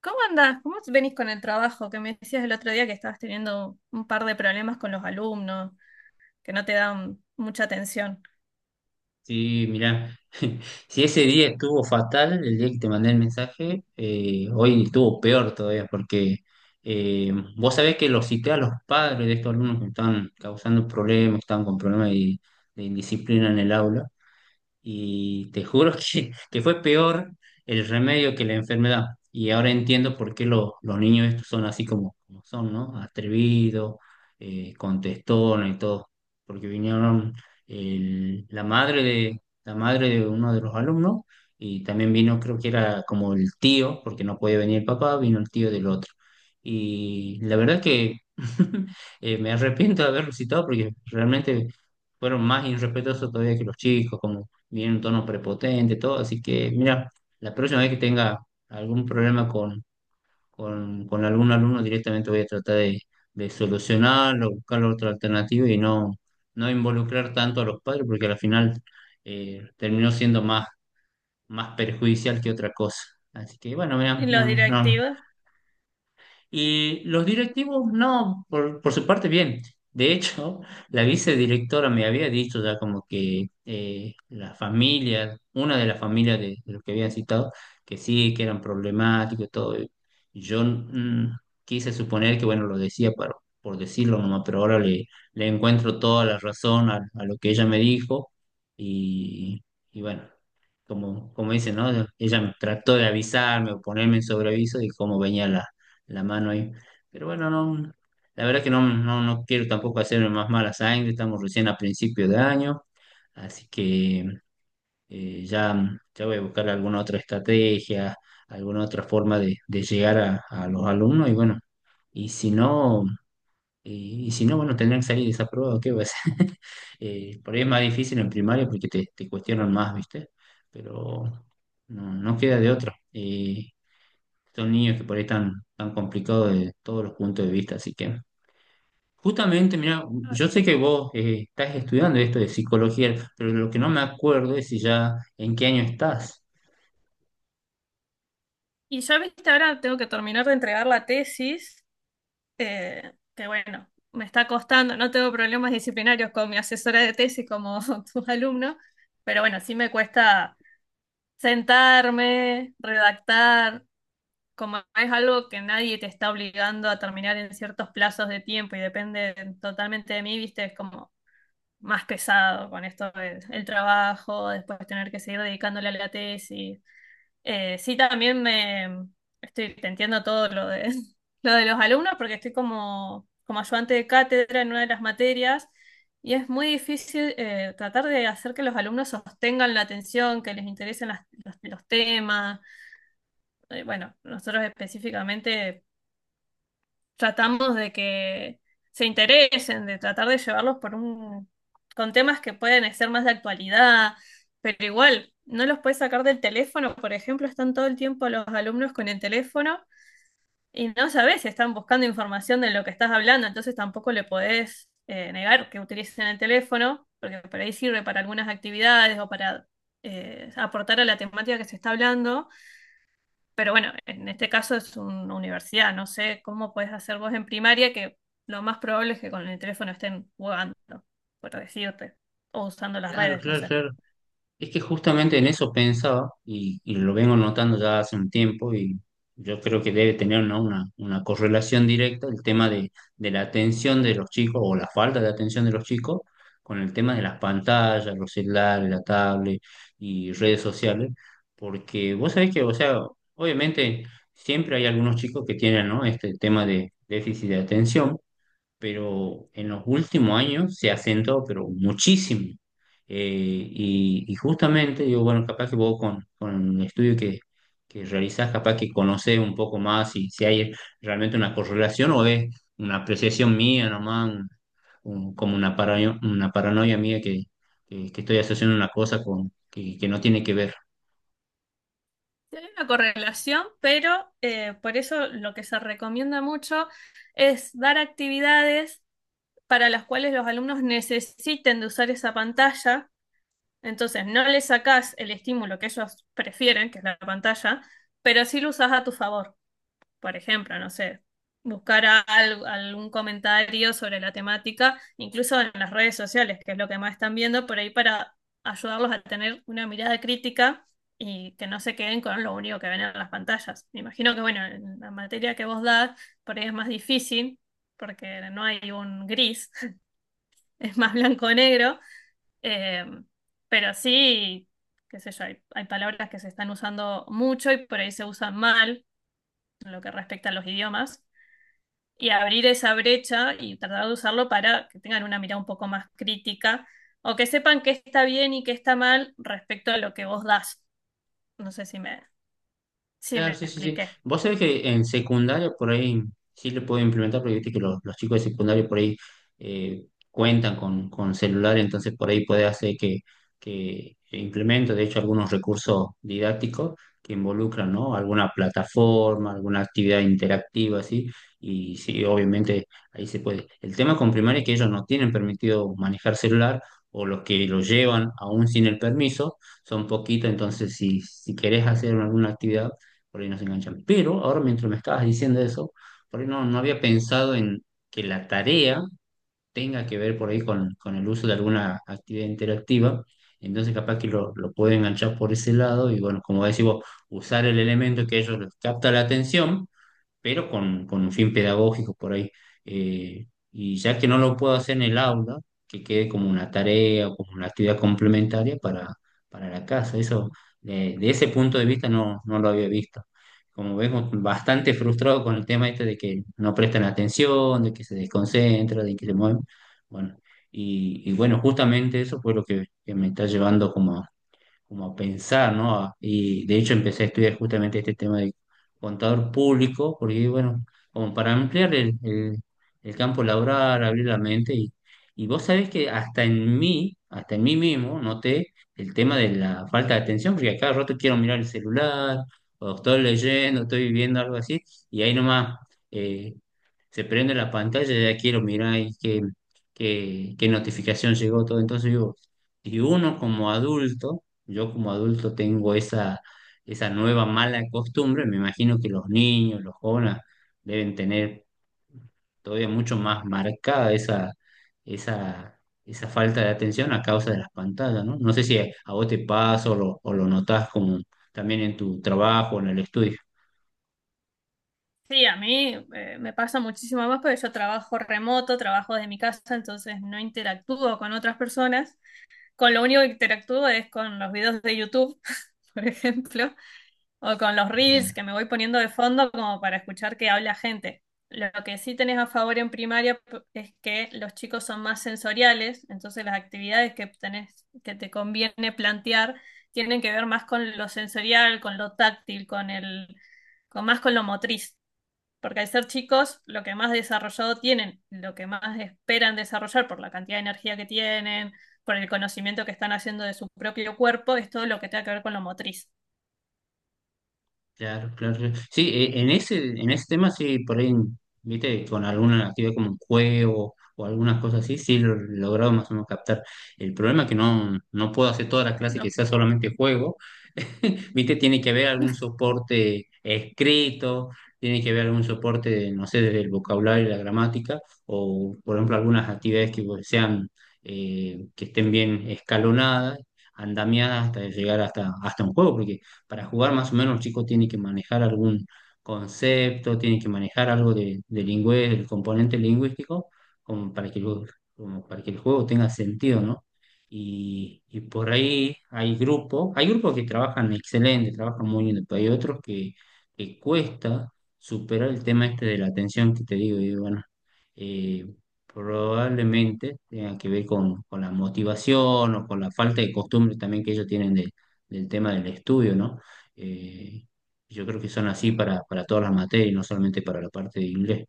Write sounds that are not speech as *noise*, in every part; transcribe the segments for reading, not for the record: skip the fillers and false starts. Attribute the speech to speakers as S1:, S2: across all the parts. S1: ¿Cómo andás? ¿Cómo venís con el trabajo? Que me decías el otro día que estabas teniendo un par de problemas con los alumnos, que no te dan mucha atención.
S2: Sí, mirá, *laughs* si ese día estuvo fatal, el día que te mandé el mensaje, hoy estuvo peor todavía, porque eh, vos sabés que los cité a los padres de estos alumnos que me están causando problemas, que están con problemas de indisciplina en el aula, y te juro *laughs* que fue peor el remedio que la enfermedad. Y ahora entiendo por qué los niños estos son así como, como son, ¿no? Atrevidos, contestones y todo. Porque vinieron la madre de uno de los alumnos y también vino, creo que era como el tío, porque no podía venir el papá, vino el tío del otro. Y la verdad que *laughs* me arrepiento de haberlo citado porque realmente fueron más irrespetuosos todavía que los chicos, viene un tono prepotente, todo. Así que, mira, la próxima vez que tenga algún problema con, con algún alumno, directamente voy a tratar de solucionarlo, buscar otra alternativa y no, no involucrar tanto a los padres, porque al final terminó siendo más, más perjudicial que otra cosa. Así que, bueno,
S1: ¿Y
S2: mira,
S1: los
S2: no, no,
S1: directivos?
S2: y los directivos, no, por su parte, bien. De hecho, la vicedirectora me había dicho ya como que la familia, una de las familias de los que habían citado, que sí, que eran problemáticos y todo. Y yo quise suponer que, bueno, lo decía por decirlo nomás, pero ahora le, le encuentro toda la razón a lo que ella me dijo. Y, y bueno, como, como dice, ¿no? Ella trató de avisarme o ponerme en sobreaviso de cómo venía la mano ahí. Pero bueno, no, la verdad que no, no, no quiero tampoco hacerme más mala sangre, estamos recién a principio de año, así que ya, ya voy a buscar alguna otra estrategia, alguna otra forma de llegar a los alumnos y bueno, y si no, y si no, bueno, tendrán que salir desaprobados, ¿qué va a ser? *laughs* Por ahí es más difícil en primaria porque te cuestionan más, ¿viste? Pero no, no queda de otra. Son niños que por ahí están tan complicados de todos los puntos de vista, así que justamente, mira,
S1: Ah.
S2: yo sé que vos estás estudiando esto de psicología, pero lo que no me acuerdo es si ya en qué año estás.
S1: Y yo, viste, ahora tengo que terminar de entregar la tesis, que bueno, me está costando. No tengo problemas disciplinarios con mi asesora de tesis como *laughs* tus alumnos, pero bueno, sí me cuesta sentarme, redactar. Como es algo que nadie te está obligando a terminar en ciertos plazos de tiempo y depende totalmente de mí, viste, es como más pesado con esto del el trabajo, después tener que seguir dedicándole a la tesis. Sí, también me estoy, te entiendo todo lo de, *laughs* lo de los alumnos porque estoy como, como ayudante de cátedra en una de las materias. Y es muy difícil tratar de hacer que los alumnos sostengan la atención, que les interesen los temas. Bueno, nosotros específicamente tratamos de que se interesen, de tratar de llevarlos por con temas que pueden ser más de actualidad, pero igual, no los puedes sacar del teléfono. Por ejemplo, están todo el tiempo los alumnos con el teléfono y no sabes si están buscando información de lo que estás hablando, entonces tampoco le podés negar que utilicen el teléfono, porque por ahí sirve para algunas actividades o para aportar a la temática que se está hablando. Pero bueno, en este caso es una universidad, no sé cómo puedes hacer vos en primaria, que lo más probable es que con el teléfono estén jugando, por decirte, o usando las
S2: Claro,
S1: redes, no
S2: claro,
S1: sé.
S2: claro. Es que justamente en eso pensaba y lo vengo notando ya hace un tiempo y yo creo que debe tener, ¿no?, una correlación directa el tema de la atención de los chicos o la falta de atención de los chicos con el tema de las pantallas, los celulares, la tablet y redes sociales, porque vos sabés que, o sea, obviamente siempre hay algunos chicos que tienen, ¿no?, este tema de déficit de atención pero en los últimos años se ha acentuado, pero muchísimo. Eh, y, y justamente, yo, bueno, capaz que vos con el estudio que realizás, capaz que conocés un poco más si, si hay realmente una correlación o es una apreciación mía nomás, como una paranoia mía que estoy asociando una cosa con, que no tiene que ver.
S1: Sí, hay una correlación, pero por eso lo que se recomienda mucho es dar actividades para las cuales los alumnos necesiten de usar esa pantalla. Entonces, no le sacás el estímulo que ellos prefieren, que es la pantalla, pero sí lo usás a tu favor. Por ejemplo, no sé, buscar algún comentario sobre la temática, incluso en las redes sociales, que es lo que más están viendo, por ahí para ayudarlos a tener una mirada crítica y que no se queden con lo único que ven en las pantallas. Me imagino que, bueno, en la materia que vos das, por ahí es más difícil, porque no hay un gris, *laughs* es más blanco o negro, eh, pero sí, qué sé yo, hay palabras que se están usando mucho y por ahí se usan mal en lo que respecta a los idiomas, y abrir esa brecha y tratar de usarlo para que tengan una mirada un poco más crítica o que sepan qué está bien y qué está mal respecto a lo que vos das. No sé si me, si me
S2: Claro, sí, sí, sí.
S1: expliqué.
S2: Vos sabés que en secundaria por ahí sí le puedo implementar, porque viste que los chicos de secundaria por ahí cuentan con celular, entonces por ahí puede hacer que implemento, de hecho, algunos recursos didácticos que involucran, ¿no? Alguna plataforma, alguna actividad interactiva, así, y sí, obviamente ahí se puede. El tema con primaria es que ellos no tienen permitido manejar celular, o los que lo llevan aún sin el permiso, son poquitos, entonces si, si querés hacer alguna actividad por ahí nos enganchan. Pero ahora mientras me estabas diciendo eso, por ahí no, no había pensado en que la tarea tenga que ver por ahí con el uso de alguna actividad interactiva. Entonces capaz que lo pueden enganchar por ese lado y bueno, como decís vos, usar el elemento que ellos les capta la atención pero con un fin pedagógico por ahí. Y ya que no lo puedo hacer en el aula, que quede como una tarea o como una actividad complementaria para la casa. Eso, de ese punto de vista no, no lo había visto. Como vemos, bastante frustrado con el tema este de que no prestan atención, de que se desconcentra, de que se mueven. Bueno, y bueno, justamente eso fue lo que me está llevando como como a pensar, ¿no? Y de hecho empecé a estudiar justamente este tema de contador público, porque bueno, como para ampliar el campo laboral, abrir la mente, y vos sabés que hasta en mí mismo, noté el tema de la falta de atención, porque a cada rato quiero mirar el celular, o estoy leyendo, estoy viviendo algo así, y ahí nomás eh, se prende la pantalla y ya quiero mirar y qué, qué, qué notificación llegó todo. Entonces digo, y uno como adulto, yo como adulto tengo esa, esa nueva mala costumbre, me imagino que los niños, los jóvenes deben tener todavía mucho más marcada esa, esa, esa falta de atención a causa de las pantallas, ¿no? No sé si a vos te pasa o lo notás como también en tu trabajo, en el estudio.
S1: Sí, a mí me pasa muchísimo más porque yo trabajo remoto, trabajo desde mi casa, entonces no interactúo con otras personas. Con lo único que interactúo es con los videos de YouTube, *laughs* por ejemplo. O con los reels que me voy poniendo de fondo como para escuchar que habla gente. Lo que sí tenés a favor en primaria es que los chicos son más sensoriales, entonces las actividades que tenés, que te conviene plantear, tienen que ver más con lo sensorial, con lo táctil, con el, con más con lo motriz. Porque al ser chicos, lo que más desarrollado tienen, lo que más esperan desarrollar por la cantidad de energía que tienen, por el conocimiento que están haciendo de su propio cuerpo, es todo lo que tenga que ver con lo motriz.
S2: Claro, claro, claro. Sí, en ese tema sí, por ahí, viste, con alguna actividad como un juego o algunas cosas así, sí lo he logrado más o menos captar. El problema es que no, no puedo hacer toda la clase que
S1: No.
S2: sea solamente juego, *laughs* viste, tiene que haber algún soporte escrito, tiene que haber algún soporte, no sé, desde el vocabulario y la gramática, o por ejemplo algunas actividades que pues, sean, que estén bien escalonadas, andamiadas hasta llegar hasta, hasta un juego, porque para jugar más o menos los chicos tienen que manejar algún concepto, tienen que manejar algo de del componente lingüístico, como para que, como para que el juego tenga sentido, ¿no? Y por ahí hay grupos que trabajan excelente, trabajan muy bien, pero hay otros que cuesta superar el tema este de la atención que te digo, y bueno, eh, probablemente tenga que ver con la motivación o con la falta de costumbre también que ellos tienen del tema del estudio, ¿no? Eh, yo creo que son así para todas las materias, no solamente para la parte de inglés.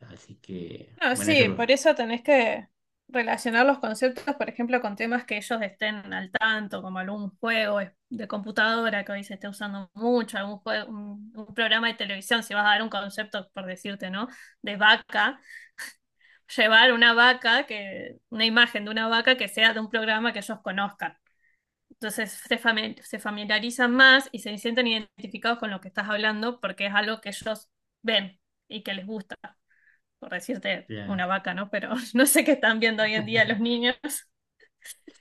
S2: Así que,
S1: No,
S2: bueno, eso
S1: sí, por
S2: lo...
S1: eso tenés que relacionar los conceptos, por ejemplo, con temas que ellos estén al tanto, como algún juego de computadora que hoy se esté usando mucho, algún un programa de televisión. Si vas a dar un concepto, por decirte, ¿no? De vaca, llevar una vaca, que, una imagen de una vaca que sea de un programa que ellos conozcan. Entonces se se familiarizan más y se sienten identificados con lo que estás hablando porque es algo que ellos ven y que les gusta, por decirte una
S2: ya.
S1: vaca, ¿no? Pero *laughs* no sé qué están viendo hoy en día
S2: *laughs*
S1: los niños.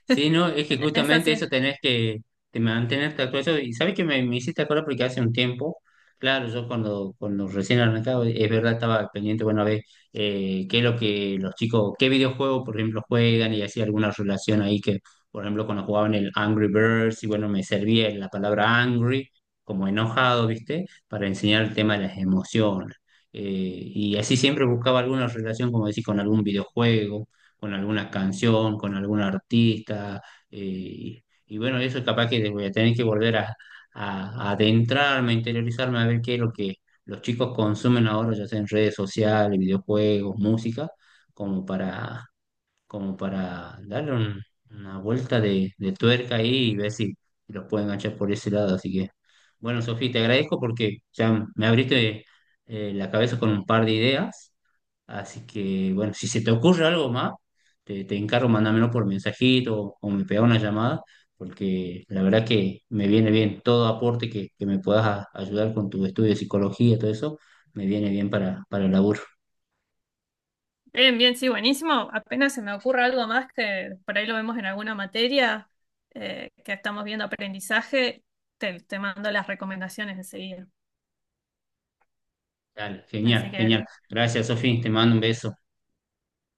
S2: Sí, no, es que
S1: Es
S2: justamente
S1: así.
S2: eso tenés que te mantenerte actualizado. Y sabes que me hiciste acordar porque hace un tiempo, claro, yo cuando, cuando recién arrancaba, es verdad, estaba pendiente, bueno, a ver qué es lo que los chicos, qué videojuegos, por ejemplo, juegan y hacía alguna relación ahí que, por ejemplo, cuando jugaban el Angry Birds, y bueno, me servía la palabra angry, como enojado, ¿viste? Para enseñar el tema de las emociones. Y así siempre buscaba alguna relación, como decís, con algún videojuego con alguna canción, con algún artista. Y, y bueno, eso es capaz que voy a tener que volver a, a adentrarme, a interiorizarme, a ver qué es lo que los chicos consumen ahora, ya sea en redes sociales, videojuegos, música, como para, como para darle una vuelta de tuerca ahí y ver si los pueden enganchar por ese lado. Así que, bueno, Sofía, te agradezco porque ya me abriste la cabeza con un par de ideas. Así que, bueno, si se te ocurre algo más, te encargo, mándamelo por mensajito o me pega una llamada, porque la verdad que me viene bien todo aporte que me puedas ayudar con tu estudio de psicología, todo eso, me viene bien para el laburo.
S1: Bien, bien, sí, buenísimo. Apenas se me ocurre algo más que por ahí lo vemos en alguna materia, que estamos viendo aprendizaje, te mando las recomendaciones enseguida.
S2: Dale,
S1: Así
S2: genial,
S1: que
S2: genial. Gracias, Sofía, te mando un beso.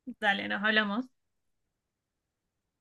S1: dale, nos hablamos.